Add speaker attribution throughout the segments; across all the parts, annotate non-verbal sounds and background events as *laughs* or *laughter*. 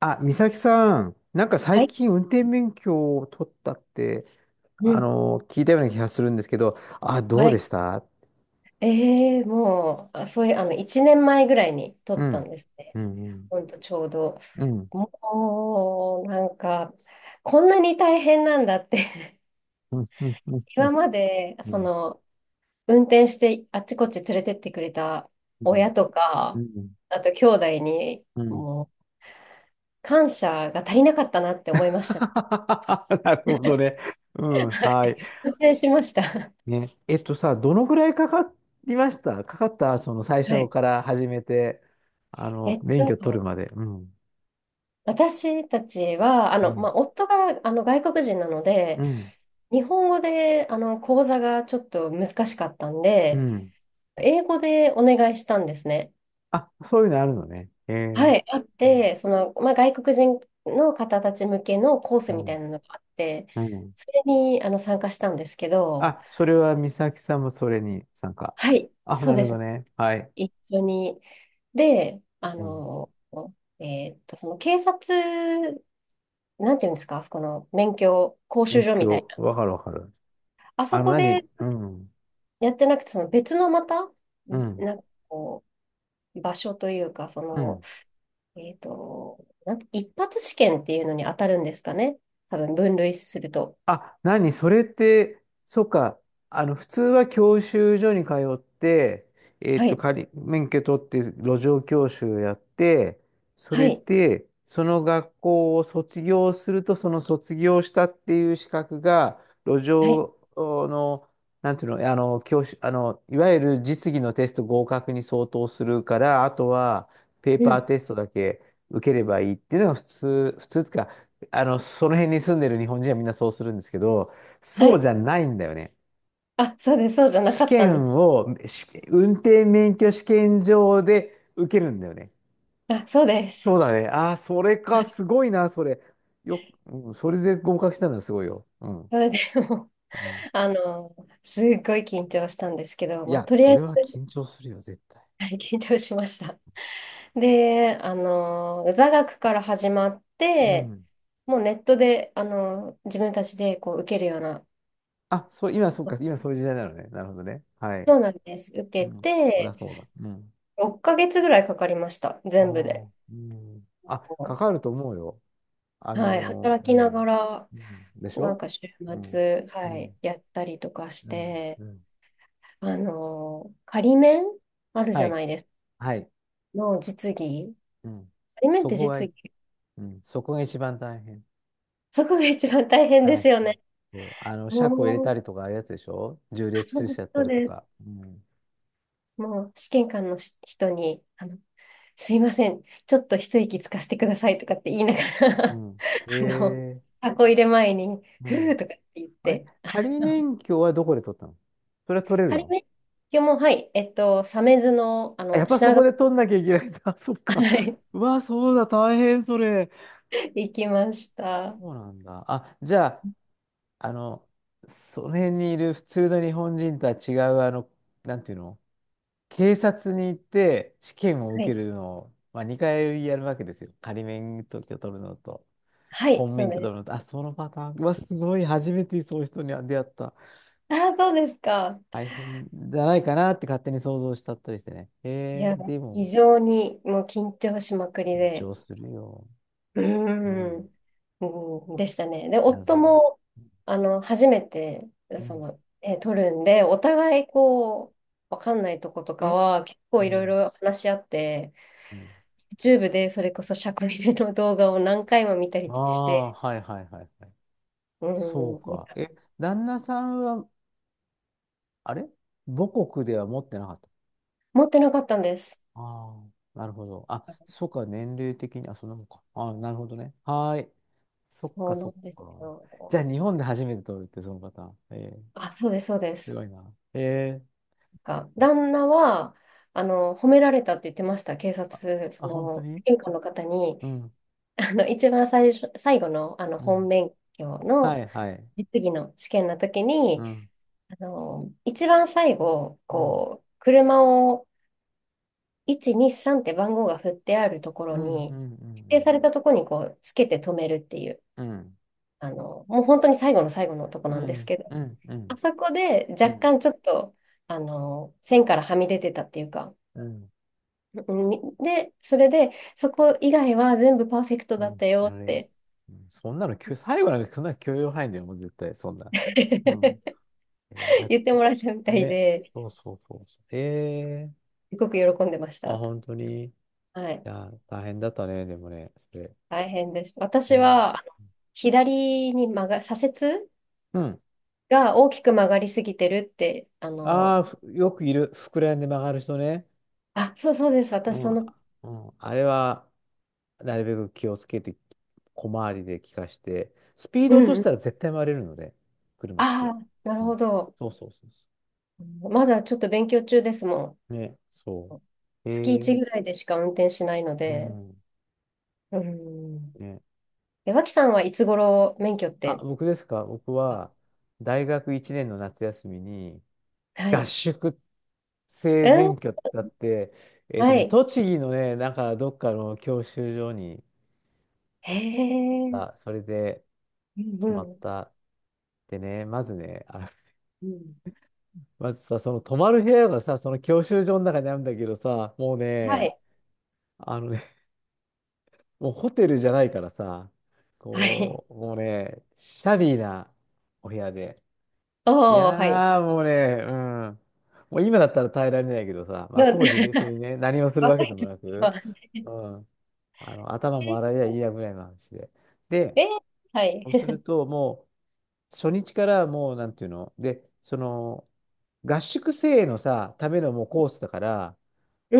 Speaker 1: あ、美咲さん、なんか
Speaker 2: は
Speaker 1: 最
Speaker 2: い。
Speaker 1: 近運転免許を取ったって、
Speaker 2: うん。
Speaker 1: 聞いたような気がするんですけど、あ、どう
Speaker 2: は
Speaker 1: で
Speaker 2: い。
Speaker 1: した？
Speaker 2: ええもう、あ、そういう、1年前ぐらいに撮
Speaker 1: う
Speaker 2: った
Speaker 1: ん。
Speaker 2: んですね。
Speaker 1: うん。
Speaker 2: ほんと、ちょうど。
Speaker 1: うん。
Speaker 2: もう、なんか、こんなに大変なんだって。
Speaker 1: うん。うん。
Speaker 2: *laughs*
Speaker 1: うん。
Speaker 2: 今まで、
Speaker 1: うん。
Speaker 2: 運転してあっちこっち連れてってくれた
Speaker 1: うん。
Speaker 2: 親と
Speaker 1: う
Speaker 2: か、
Speaker 1: ん。
Speaker 2: あと兄弟に、
Speaker 1: うん。
Speaker 2: もう、感謝が足りなかったなって思いました。
Speaker 1: *laughs* なるほどね。う
Speaker 2: *laughs*
Speaker 1: ん。
Speaker 2: は
Speaker 1: はい。
Speaker 2: い。反省しました。*laughs*
Speaker 1: ね。えっとさ、どのぐらいかかりましたかかったその最
Speaker 2: は
Speaker 1: 初
Speaker 2: い。
Speaker 1: から始めて、
Speaker 2: えっ
Speaker 1: 免
Speaker 2: と、
Speaker 1: 許取るまで。うん。
Speaker 2: 私たちは、
Speaker 1: うん。
Speaker 2: まあ、夫が、外国人なので、
Speaker 1: うん。
Speaker 2: 日本語で、講座がちょっと難しかったん
Speaker 1: う
Speaker 2: で、
Speaker 1: ん。
Speaker 2: 英語でお願いしたんですね。
Speaker 1: あ、そういうのあるのね。えー。
Speaker 2: はい、あっ
Speaker 1: うん。
Speaker 2: て、まあ、外国人の方たち向けのコース
Speaker 1: う
Speaker 2: みた
Speaker 1: ん
Speaker 2: いなのがあって、
Speaker 1: うん。
Speaker 2: それに、参加したんですけど、
Speaker 1: あ、それは美咲さんもそれに参加？
Speaker 2: はい、
Speaker 1: あ、
Speaker 2: そ
Speaker 1: な
Speaker 2: う
Speaker 1: る
Speaker 2: です
Speaker 1: ほど
Speaker 2: ね。
Speaker 1: ね。はい。
Speaker 2: 一緒に。で、
Speaker 1: うん。
Speaker 2: その警察、なんていうんですか、あそこの免許講習
Speaker 1: 勉
Speaker 2: 所みたい
Speaker 1: 強。
Speaker 2: な。
Speaker 1: わかるわかる。
Speaker 2: あそこで
Speaker 1: 何？うん。
Speaker 2: やってなくて、その別のまた、
Speaker 1: うん。
Speaker 2: なんかこう、場所というか、
Speaker 1: うん。
Speaker 2: なんて一発試験っていうのに当たるんですかね。多分分類すると。
Speaker 1: あ、何それって、そっか、普通は教習所に通って、
Speaker 2: はい、
Speaker 1: 免許取って路上教習やって、そ
Speaker 2: は
Speaker 1: れ
Speaker 2: い、
Speaker 1: で、その学校を卒業すると、その卒業したっていう資格が、路
Speaker 2: はい、
Speaker 1: 上の、なんていうの、教習、いわゆる実技のテスト合格に相当するから、あとは、ペー
Speaker 2: う
Speaker 1: パー
Speaker 2: ん、
Speaker 1: テストだけ受ければいいっていうのが普通、普通ってかその辺に住んでる日本人はみんなそうするんですけど、そ
Speaker 2: は
Speaker 1: う
Speaker 2: い。
Speaker 1: じゃないんだよね。
Speaker 2: あ、そうです、そうじゃな
Speaker 1: 試
Speaker 2: かったんで
Speaker 1: 験
Speaker 2: す。
Speaker 1: を、運転免許試験場で受けるんだよね。
Speaker 2: あ、そうです。
Speaker 1: そうだね。ああ、それ
Speaker 2: は
Speaker 1: か、
Speaker 2: い、
Speaker 1: すごいな、それ。うん、それで合格したのはすごいよ。うん。
Speaker 2: それでもう、
Speaker 1: うん。
Speaker 2: *laughs* あの、すっごい緊張したんですけど、
Speaker 1: い
Speaker 2: まあ、
Speaker 1: や、
Speaker 2: とりあ
Speaker 1: そ
Speaker 2: え
Speaker 1: れは
Speaker 2: ず、
Speaker 1: 緊張するよ、絶対。
Speaker 2: はい、緊張しました。で、座学から始まっ
Speaker 1: う
Speaker 2: て、
Speaker 1: ん。
Speaker 2: もうネットで、自分たちでこう受けるような、
Speaker 1: あ、そう、今、そうか、今そういう時代なのね。なるほどね。はい。
Speaker 2: そうなんです。受
Speaker 1: う
Speaker 2: け
Speaker 1: ん。そりゃ
Speaker 2: て、
Speaker 1: そうだ。うん。
Speaker 2: 6ヶ月ぐらいかかりました、
Speaker 1: あ
Speaker 2: 全部で。
Speaker 1: あ、うん。あ、かかると思うよ。
Speaker 2: はい、働
Speaker 1: う
Speaker 2: きなが
Speaker 1: ん。
Speaker 2: ら、
Speaker 1: うん。でし
Speaker 2: なん
Speaker 1: ょ？
Speaker 2: か週
Speaker 1: うん。
Speaker 2: 末、
Speaker 1: う
Speaker 2: はい、
Speaker 1: ん。
Speaker 2: やったりとかし
Speaker 1: うん。
Speaker 2: て、
Speaker 1: うん。
Speaker 2: 仮免あるじ
Speaker 1: は
Speaker 2: ゃ
Speaker 1: い。
Speaker 2: ないですか。
Speaker 1: はい。
Speaker 2: の実技。
Speaker 1: うん。
Speaker 2: 仮免っ
Speaker 1: そ
Speaker 2: て
Speaker 1: こが
Speaker 2: 実
Speaker 1: い、
Speaker 2: 技。
Speaker 1: うん。そこが一番大変。
Speaker 2: そこが一番大変で
Speaker 1: 大
Speaker 2: す
Speaker 1: 変。
Speaker 2: よね。
Speaker 1: そう。車庫入れ
Speaker 2: も
Speaker 1: た
Speaker 2: う、
Speaker 1: りとか、ああいうやつでしょ？縦
Speaker 2: あ、
Speaker 1: 列
Speaker 2: そう
Speaker 1: 駐
Speaker 2: です、
Speaker 1: 車やった
Speaker 2: そう
Speaker 1: りと
Speaker 2: です。
Speaker 1: か。うん。
Speaker 2: もう、試験官のし人に、すいません、ちょっと一息つかせてくださいとかって言いながら
Speaker 1: う
Speaker 2: *laughs* あの、
Speaker 1: ん。ええ、
Speaker 2: 箱入れ前に、
Speaker 1: う
Speaker 2: ふー
Speaker 1: ん。
Speaker 2: とかって言っ
Speaker 1: あれ
Speaker 2: て、
Speaker 1: 仮
Speaker 2: あの
Speaker 1: 免許はどこで取ったの？それは取れる
Speaker 2: 仮
Speaker 1: の？
Speaker 2: 今日も、はい、鮫洲の、
Speaker 1: あ、やっぱそ
Speaker 2: 品
Speaker 1: こ
Speaker 2: 川、
Speaker 1: で取んなきゃいけないんだ。*laughs* そっか。
Speaker 2: はい、
Speaker 1: うわ、そうだ、大変、それ。
Speaker 2: 行きました。は
Speaker 1: そうなんだ。あ、じゃあ、あの、その辺にいる普通の日本人とは違う、なんていうの、警察に行って試験を受
Speaker 2: い、
Speaker 1: けるのを、まあ、2回やるわけですよ。仮免許取るのと、
Speaker 2: はい、
Speaker 1: 本
Speaker 2: そう
Speaker 1: 免許
Speaker 2: で
Speaker 1: 取るの
Speaker 2: す。
Speaker 1: と、あ、そのパターン、うわ、すごい、初めてそういう人に出会った。
Speaker 2: ああ、そうですか。
Speaker 1: 大変じゃないかなって勝手に想像しちゃったりしてね。へ
Speaker 2: いや、
Speaker 1: え、でも、
Speaker 2: 非常にもう緊張しまくり
Speaker 1: 緊
Speaker 2: で、
Speaker 1: 張するよ。
Speaker 2: うー
Speaker 1: うん、
Speaker 2: ん、うん、でしたね。で、
Speaker 1: なる
Speaker 2: 夫
Speaker 1: ほど。
Speaker 2: も、初めて、
Speaker 1: うん。
Speaker 2: 取るんで、お互い、こう、わかんないとことか
Speaker 1: え、
Speaker 2: は、結
Speaker 1: う
Speaker 2: 構いろい
Speaker 1: ん。
Speaker 2: ろ話し合って、
Speaker 1: うん。
Speaker 2: YouTube でそれこそ社会の動画を何回も見た
Speaker 1: あ
Speaker 2: りし
Speaker 1: あ、
Speaker 2: て、
Speaker 1: はいはいはいはい。
Speaker 2: う
Speaker 1: そう
Speaker 2: ん、
Speaker 1: か。え、旦那さんは、あれ母国では持ってなかった？
Speaker 2: 持ってなかったんです。
Speaker 1: ああ、なるほど。あ、そっか、年齢的に、あ、そんなもんか。ああ、なるほどね。はーい。そっ
Speaker 2: そ
Speaker 1: か、
Speaker 2: う
Speaker 1: そ
Speaker 2: な
Speaker 1: っ
Speaker 2: んです
Speaker 1: か。
Speaker 2: よ。
Speaker 1: じゃあ、日本で初めて取るって、そのパターン。ええ、
Speaker 2: あ、そうです、そうで
Speaker 1: す
Speaker 2: す。
Speaker 1: ごいな。え
Speaker 2: なんか、
Speaker 1: ー、
Speaker 2: 旦那は、褒められたって言ってました。警
Speaker 1: あ、
Speaker 2: 察、そ
Speaker 1: あ、本当
Speaker 2: の、
Speaker 1: に？
Speaker 2: 玄関の方に、
Speaker 1: うん、
Speaker 2: 一番最初、最後の、
Speaker 1: う
Speaker 2: 本
Speaker 1: ん。
Speaker 2: 免許
Speaker 1: は
Speaker 2: の
Speaker 1: い、はい。
Speaker 2: 実技の試験の時
Speaker 1: う
Speaker 2: に、
Speaker 1: ん、
Speaker 2: 一番最後、
Speaker 1: うん、
Speaker 2: こう、車を1、2、3って番号が振ってあるところ
Speaker 1: うん、うん、う
Speaker 2: に、指定され
Speaker 1: ん、
Speaker 2: たところに、こう、つけて止めるっていう、
Speaker 1: うん、
Speaker 2: もう本当に最後の最後のとこ
Speaker 1: う
Speaker 2: なんです
Speaker 1: ん、
Speaker 2: けど、
Speaker 1: うん、うん、う
Speaker 2: あ
Speaker 1: ん、
Speaker 2: そこで
Speaker 1: うん、う
Speaker 2: 若
Speaker 1: ん、
Speaker 2: 干ちょっと、線からはみ出てたっていうか、
Speaker 1: うん、
Speaker 2: うんみで、それで、そこ以外は全部パーフェクト
Speaker 1: う
Speaker 2: だっ
Speaker 1: ん、
Speaker 2: たよっ
Speaker 1: やれ。
Speaker 2: て
Speaker 1: うん、そんなのきゅ、最後なんかそんな許容範囲だよ、もう絶対、そんな。うん。
Speaker 2: *laughs*
Speaker 1: えー、だっ
Speaker 2: 言って
Speaker 1: て。
Speaker 2: もらえたみたい
Speaker 1: ね、
Speaker 2: で、
Speaker 1: そうそうそうそう。え
Speaker 2: すごく喜んでまし
Speaker 1: ー、あ、
Speaker 2: た。
Speaker 1: 本当に。い
Speaker 2: はい。
Speaker 1: や、大変だったね、でもね、それ、
Speaker 2: 大変でした。私
Speaker 1: 思う。
Speaker 2: は、左に曲が、左折
Speaker 1: うん。
Speaker 2: が大きく曲がりすぎてるって、
Speaker 1: ああ、よくいる。膨らんで曲がる人ね。
Speaker 2: あ、そうそうです。
Speaker 1: う
Speaker 2: 私、
Speaker 1: ん。
Speaker 2: その、
Speaker 1: うん。あれは、なるべく気をつけて、小回りで効かして、スピー
Speaker 2: う
Speaker 1: ド落と
Speaker 2: ん
Speaker 1: し
Speaker 2: う
Speaker 1: た
Speaker 2: ん。
Speaker 1: ら絶対回れるので、車って。
Speaker 2: ああ、な
Speaker 1: う
Speaker 2: る
Speaker 1: ん。
Speaker 2: ほど。
Speaker 1: そうそうそうそ
Speaker 2: まだちょっと勉強中ですもん。
Speaker 1: う。ね、そう。え
Speaker 2: 月1
Speaker 1: ー、
Speaker 2: ぐらいでしか運転しないの
Speaker 1: う
Speaker 2: で、
Speaker 1: ん。
Speaker 2: うん。
Speaker 1: ね。
Speaker 2: え、脇さんはいつ頃免許っ
Speaker 1: あ、
Speaker 2: て、
Speaker 1: 僕ですか？僕
Speaker 2: あ、
Speaker 1: は、大学1年の夏休みに、
Speaker 2: は
Speaker 1: 合
Speaker 2: い。
Speaker 1: 宿
Speaker 2: う
Speaker 1: 生
Speaker 2: ん、
Speaker 1: 免許だって、
Speaker 2: はい。
Speaker 1: 栃木のね、なんかどっかの教習所に、
Speaker 2: へえ。うん
Speaker 1: あ、それで
Speaker 2: う
Speaker 1: 泊まっ
Speaker 2: ん。
Speaker 1: た。でね、まずね、あ、
Speaker 2: うん。
Speaker 1: まずさ、その泊まる部屋がさ、その教習所の中にあるんだけどさ、もう
Speaker 2: は
Speaker 1: ね、
Speaker 2: い。
Speaker 1: あのね、もうホテルじゃないからさ、
Speaker 2: はい。
Speaker 1: こう、もうね、シャビーなお部屋で、い
Speaker 2: おー、はい。
Speaker 1: やー、もうね、うん。もう今だったら耐えられないけどさ、まあ
Speaker 2: な
Speaker 1: 当時
Speaker 2: *laughs*
Speaker 1: 別にね、何をするわ
Speaker 2: 若
Speaker 1: けで
Speaker 2: い
Speaker 1: も
Speaker 2: 時
Speaker 1: なく、
Speaker 2: は。
Speaker 1: うん。頭も洗え
Speaker 2: え
Speaker 1: りゃいいやぐらいの話で。
Speaker 2: ー、
Speaker 1: で、
Speaker 2: え、はい。
Speaker 1: そうするともう、初日からもう、なんていうので、その、合宿生のさ、ためのもうコースだから、
Speaker 2: う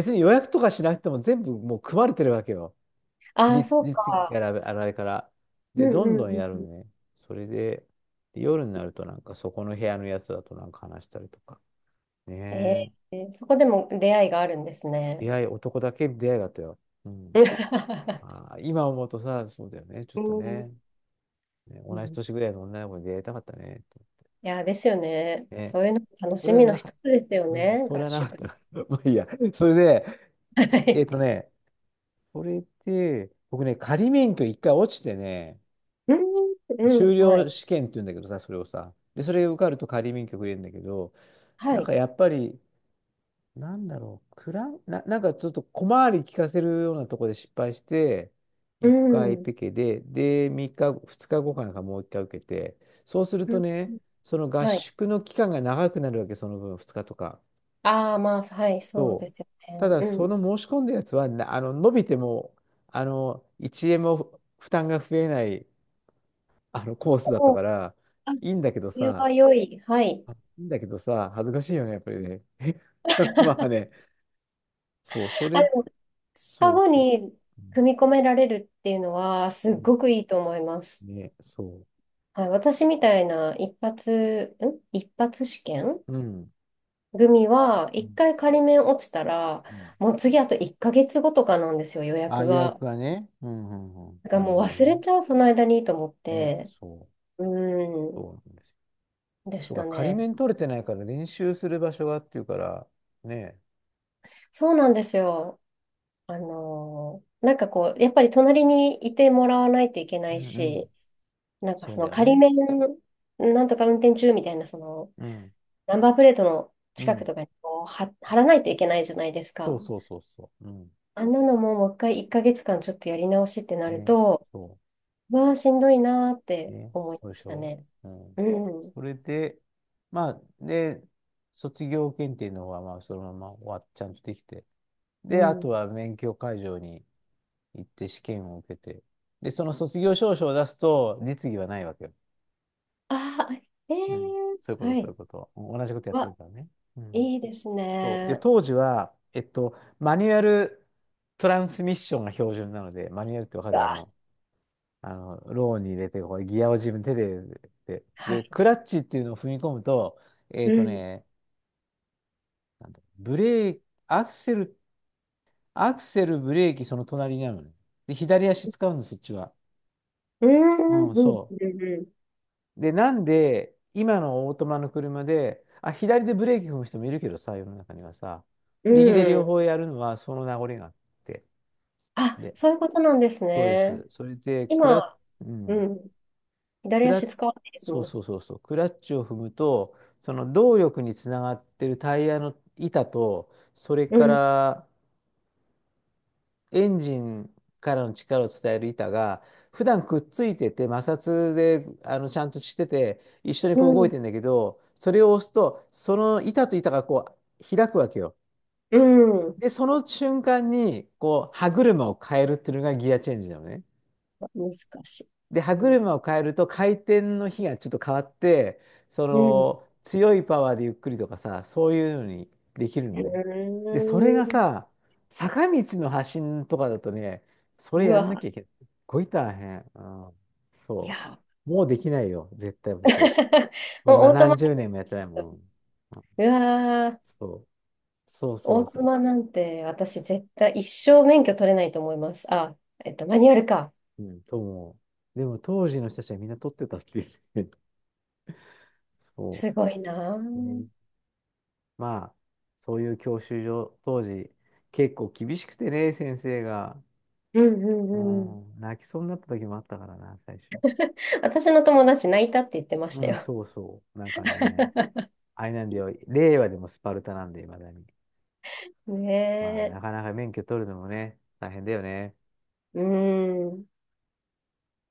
Speaker 2: ん。
Speaker 1: に予約とかしなくても全部もう組まれてるわけよ。
Speaker 2: ああ、
Speaker 1: 実、
Speaker 2: そう
Speaker 1: 実技か
Speaker 2: か。
Speaker 1: ら、あれから。
Speaker 2: う
Speaker 1: で、ど
Speaker 2: ん
Speaker 1: ん
Speaker 2: う
Speaker 1: ど
Speaker 2: ん
Speaker 1: ん
Speaker 2: う
Speaker 1: や
Speaker 2: ん
Speaker 1: る
Speaker 2: う
Speaker 1: ね。それで、で夜になるとなんかそこの部屋のやつだとなんか話したりとか。
Speaker 2: ん。
Speaker 1: ね
Speaker 2: え
Speaker 1: え。
Speaker 2: ー、そこでも出会いがあるんです
Speaker 1: 出
Speaker 2: ね。
Speaker 1: 会い、男だけ出会いだったよ。うん。
Speaker 2: *laughs*
Speaker 1: あー、今思うとさ、そうだよね。ちょっ
Speaker 2: う
Speaker 1: と
Speaker 2: ん
Speaker 1: ね。ね、
Speaker 2: う
Speaker 1: 同じ
Speaker 2: ん。
Speaker 1: 年ぐらいの女の子に出会いたかったね。
Speaker 2: いやー、ですよね。
Speaker 1: ね。
Speaker 2: そういうのも楽
Speaker 1: そ
Speaker 2: し
Speaker 1: れは
Speaker 2: みの
Speaker 1: なかっ
Speaker 2: 一つですよ
Speaker 1: た。うん、
Speaker 2: ね、
Speaker 1: それ
Speaker 2: 合
Speaker 1: はなかっ
Speaker 2: 宿。
Speaker 1: たな。*laughs* まあいいや。それで、
Speaker 2: *laughs* は
Speaker 1: えっと
Speaker 2: い。
Speaker 1: ね、それで、僕ね、仮免許一回落ちてね、
Speaker 2: うん、う
Speaker 1: 修
Speaker 2: ん、は
Speaker 1: 了
Speaker 2: い。
Speaker 1: 試験って言うんだけどさ、それをさ。で、それ受かると仮免許くれるんだけど、
Speaker 2: は
Speaker 1: なんか
Speaker 2: い。
Speaker 1: やっぱり、なんだろう、クラン、なんかちょっと小回り利かせるようなところで失敗して、
Speaker 2: う
Speaker 1: 1回
Speaker 2: ん、
Speaker 1: ペケで、で、3日、2日後かなんかもう1回受けて、そうす
Speaker 2: *laughs*
Speaker 1: る
Speaker 2: う
Speaker 1: と
Speaker 2: ん、
Speaker 1: ね、その合
Speaker 2: はい。
Speaker 1: 宿の期間が長くなるわけ、その分、2日とか。
Speaker 2: ああ、まあ、はい、そうで
Speaker 1: そう。
Speaker 2: すよ
Speaker 1: た
Speaker 2: ね。
Speaker 1: だ、
Speaker 2: う
Speaker 1: そ
Speaker 2: ん。
Speaker 1: の申し込んだやつはな、伸びても、1円も負担が増えない、コースだった
Speaker 2: おー、
Speaker 1: から、
Speaker 2: あ、
Speaker 1: いいんだけど
Speaker 2: それ
Speaker 1: さ、
Speaker 2: は良い。はい。
Speaker 1: あいいんだけどさ、恥ずかしいよね、やっぱりね。*laughs* まあね、そう、そ
Speaker 2: あ
Speaker 1: れ
Speaker 2: の、カ
Speaker 1: そう
Speaker 2: ゴ
Speaker 1: そうそ
Speaker 2: に
Speaker 1: う、う。
Speaker 2: 組み込められるっていうのは、す
Speaker 1: う
Speaker 2: っ
Speaker 1: ん、
Speaker 2: ごくいいと思います。
Speaker 1: ね、そ
Speaker 2: はい、私みたいな一発、ん一発試験
Speaker 1: う。うん。ん、
Speaker 2: 組は、
Speaker 1: う
Speaker 2: 一
Speaker 1: ん、
Speaker 2: 回仮免落ちたら、
Speaker 1: うん、
Speaker 2: もう次あと1ヶ月後とかなんですよ、予
Speaker 1: あ、
Speaker 2: 約
Speaker 1: 予
Speaker 2: が。
Speaker 1: 約がね。うんうんうん。
Speaker 2: だか
Speaker 1: な
Speaker 2: ら
Speaker 1: る
Speaker 2: もう
Speaker 1: ほど
Speaker 2: 忘
Speaker 1: ね。
Speaker 2: れちゃう、その間にと思っ
Speaker 1: ね、
Speaker 2: て、
Speaker 1: そう。
Speaker 2: うー
Speaker 1: そ
Speaker 2: ん、
Speaker 1: うなんですよ。
Speaker 2: でし
Speaker 1: そう
Speaker 2: た
Speaker 1: か、仮
Speaker 2: ね。
Speaker 1: 免取れてないから練習する場所がっていうから、ね。
Speaker 2: そうなんですよ。なんかこう、やっぱり隣にいてもらわないといけな
Speaker 1: う
Speaker 2: い
Speaker 1: んうん。
Speaker 2: し、なんか
Speaker 1: そう
Speaker 2: そ
Speaker 1: だ
Speaker 2: の
Speaker 1: よ
Speaker 2: 仮
Speaker 1: ね。
Speaker 2: 免、なんとか運転中みたいな、その、
Speaker 1: うん。
Speaker 2: ナンバープレートの
Speaker 1: う
Speaker 2: 近く
Speaker 1: ん。
Speaker 2: とかにこうは貼らないといけないじゃないです
Speaker 1: そう
Speaker 2: か。
Speaker 1: そうそうそう。うん。
Speaker 2: あんなのももう一回1ヶ月間ちょっとやり直しってなる
Speaker 1: ね。
Speaker 2: と、
Speaker 1: そ
Speaker 2: うわあ、しんどいなーっ
Speaker 1: う。
Speaker 2: て
Speaker 1: ね。
Speaker 2: 思い
Speaker 1: そう
Speaker 2: ま
Speaker 1: で
Speaker 2: し
Speaker 1: し
Speaker 2: た
Speaker 1: ょ？
Speaker 2: ね。
Speaker 1: うん。
Speaker 2: うん。
Speaker 1: それで、まあ、で、卒業検定の方は、まあ、そのまま終わっちゃんとできて、
Speaker 2: う
Speaker 1: で、あと
Speaker 2: ん。
Speaker 1: は免許会場に行って試験を受けて。で、その卒業証書を出すと、実技はないわけよ。
Speaker 2: ああ、ええ
Speaker 1: うん。そういう
Speaker 2: ー、
Speaker 1: こと、
Speaker 2: は
Speaker 1: そういう
Speaker 2: い。
Speaker 1: こと。同じことやってる
Speaker 2: わ、
Speaker 1: からね。うん。
Speaker 2: いいです
Speaker 1: そう。で、
Speaker 2: ね。
Speaker 1: 当時は、マニュアルトランスミッションが標準なので、マニュアルってわか
Speaker 2: う
Speaker 1: る？
Speaker 2: わ、
Speaker 1: ローに入れて、こうギアを自分手で、で、
Speaker 2: はい。
Speaker 1: で、クラッチっていうのを踏み込むと、えっ
Speaker 2: う
Speaker 1: と
Speaker 2: ん。
Speaker 1: ね、なんだ、ブレーキ、アクセル、アクセル、ブレーキ、その隣になるのね。で、左足使うんです、そっちは。
Speaker 2: うん、
Speaker 1: うん、
Speaker 2: うん、
Speaker 1: そ
Speaker 2: うん、
Speaker 1: う。で、なんで、今のオートマの車で、あ、左でブレーキ踏む人もいるけどさ、世の中にはさ、
Speaker 2: う
Speaker 1: 右で両
Speaker 2: ん。
Speaker 1: 方やるのはその名残があって。
Speaker 2: あ、
Speaker 1: で、
Speaker 2: そういうことなんです
Speaker 1: そうで
Speaker 2: ね。
Speaker 1: す。それで、ク
Speaker 2: 今、
Speaker 1: ラッ、う
Speaker 2: う
Speaker 1: ん、
Speaker 2: ん。
Speaker 1: ク
Speaker 2: 左
Speaker 1: ラ
Speaker 2: 足
Speaker 1: ッ、
Speaker 2: 使わないです
Speaker 1: そう
Speaker 2: も
Speaker 1: そうそうそう、クラッチを踏むと、その動力につながってるタイヤの板と、それ
Speaker 2: ん。う
Speaker 1: か
Speaker 2: ん、
Speaker 1: ら、エンジンからの力を伝える板が、普段くっついてて、摩擦で、ちゃんとしてて、一緒に
Speaker 2: う
Speaker 1: こう動い
Speaker 2: ん、
Speaker 1: てんだけど、それを押すと、その板と板がこう、開くわけよ。
Speaker 2: うん。
Speaker 1: で、その瞬間に、こう、歯車を変えるっていうのがギアチェンジなのね。
Speaker 2: 難しい。
Speaker 1: で、
Speaker 2: う
Speaker 1: 歯
Speaker 2: ん、
Speaker 1: 車を変えると回転の比がちょっと変わって、そ
Speaker 2: うん。う
Speaker 1: の強いパワーでゆっくりとかさ、そういうのにできる
Speaker 2: ー
Speaker 1: のね。で、それが
Speaker 2: ん、
Speaker 1: さ、坂道の発進とかだとね、それ
Speaker 2: う
Speaker 1: やんなきゃ
Speaker 2: わ、
Speaker 1: いけない。すっごい大変。うん、
Speaker 2: い
Speaker 1: そ
Speaker 2: や。
Speaker 1: う。もうできないよ、絶対僕。
Speaker 2: *laughs*
Speaker 1: もう
Speaker 2: もうオート
Speaker 1: 何
Speaker 2: マ、
Speaker 1: 十年もやってないもん。うん、
Speaker 2: うわー、
Speaker 1: そう。そうそ
Speaker 2: オ
Speaker 1: う
Speaker 2: ート
Speaker 1: そ
Speaker 2: マなんて私絶対一生免許取れないと思います。あ、マニュアルか。
Speaker 1: う。うん、と思う。でも当時の人たちはみんな撮ってたっていう。*laughs* そ
Speaker 2: すごいなー。う
Speaker 1: う。ね、
Speaker 2: ん
Speaker 1: まあ、そういう教習所、当時、結構厳しくてね、先生が。
Speaker 2: う
Speaker 1: う
Speaker 2: んうん。
Speaker 1: ん、泣きそうになった時もあったからな、最初。
Speaker 2: 私の友達泣いたって言ってまし
Speaker 1: う
Speaker 2: た
Speaker 1: ん、
Speaker 2: よ。
Speaker 1: そうそう。なんかね、
Speaker 2: *laughs*
Speaker 1: あれなんだよ、令和でもスパルタなんで、いまだに。まあ、
Speaker 2: ね
Speaker 1: なか
Speaker 2: え。
Speaker 1: なか免許取るのもね、大変だよね。
Speaker 2: うーん。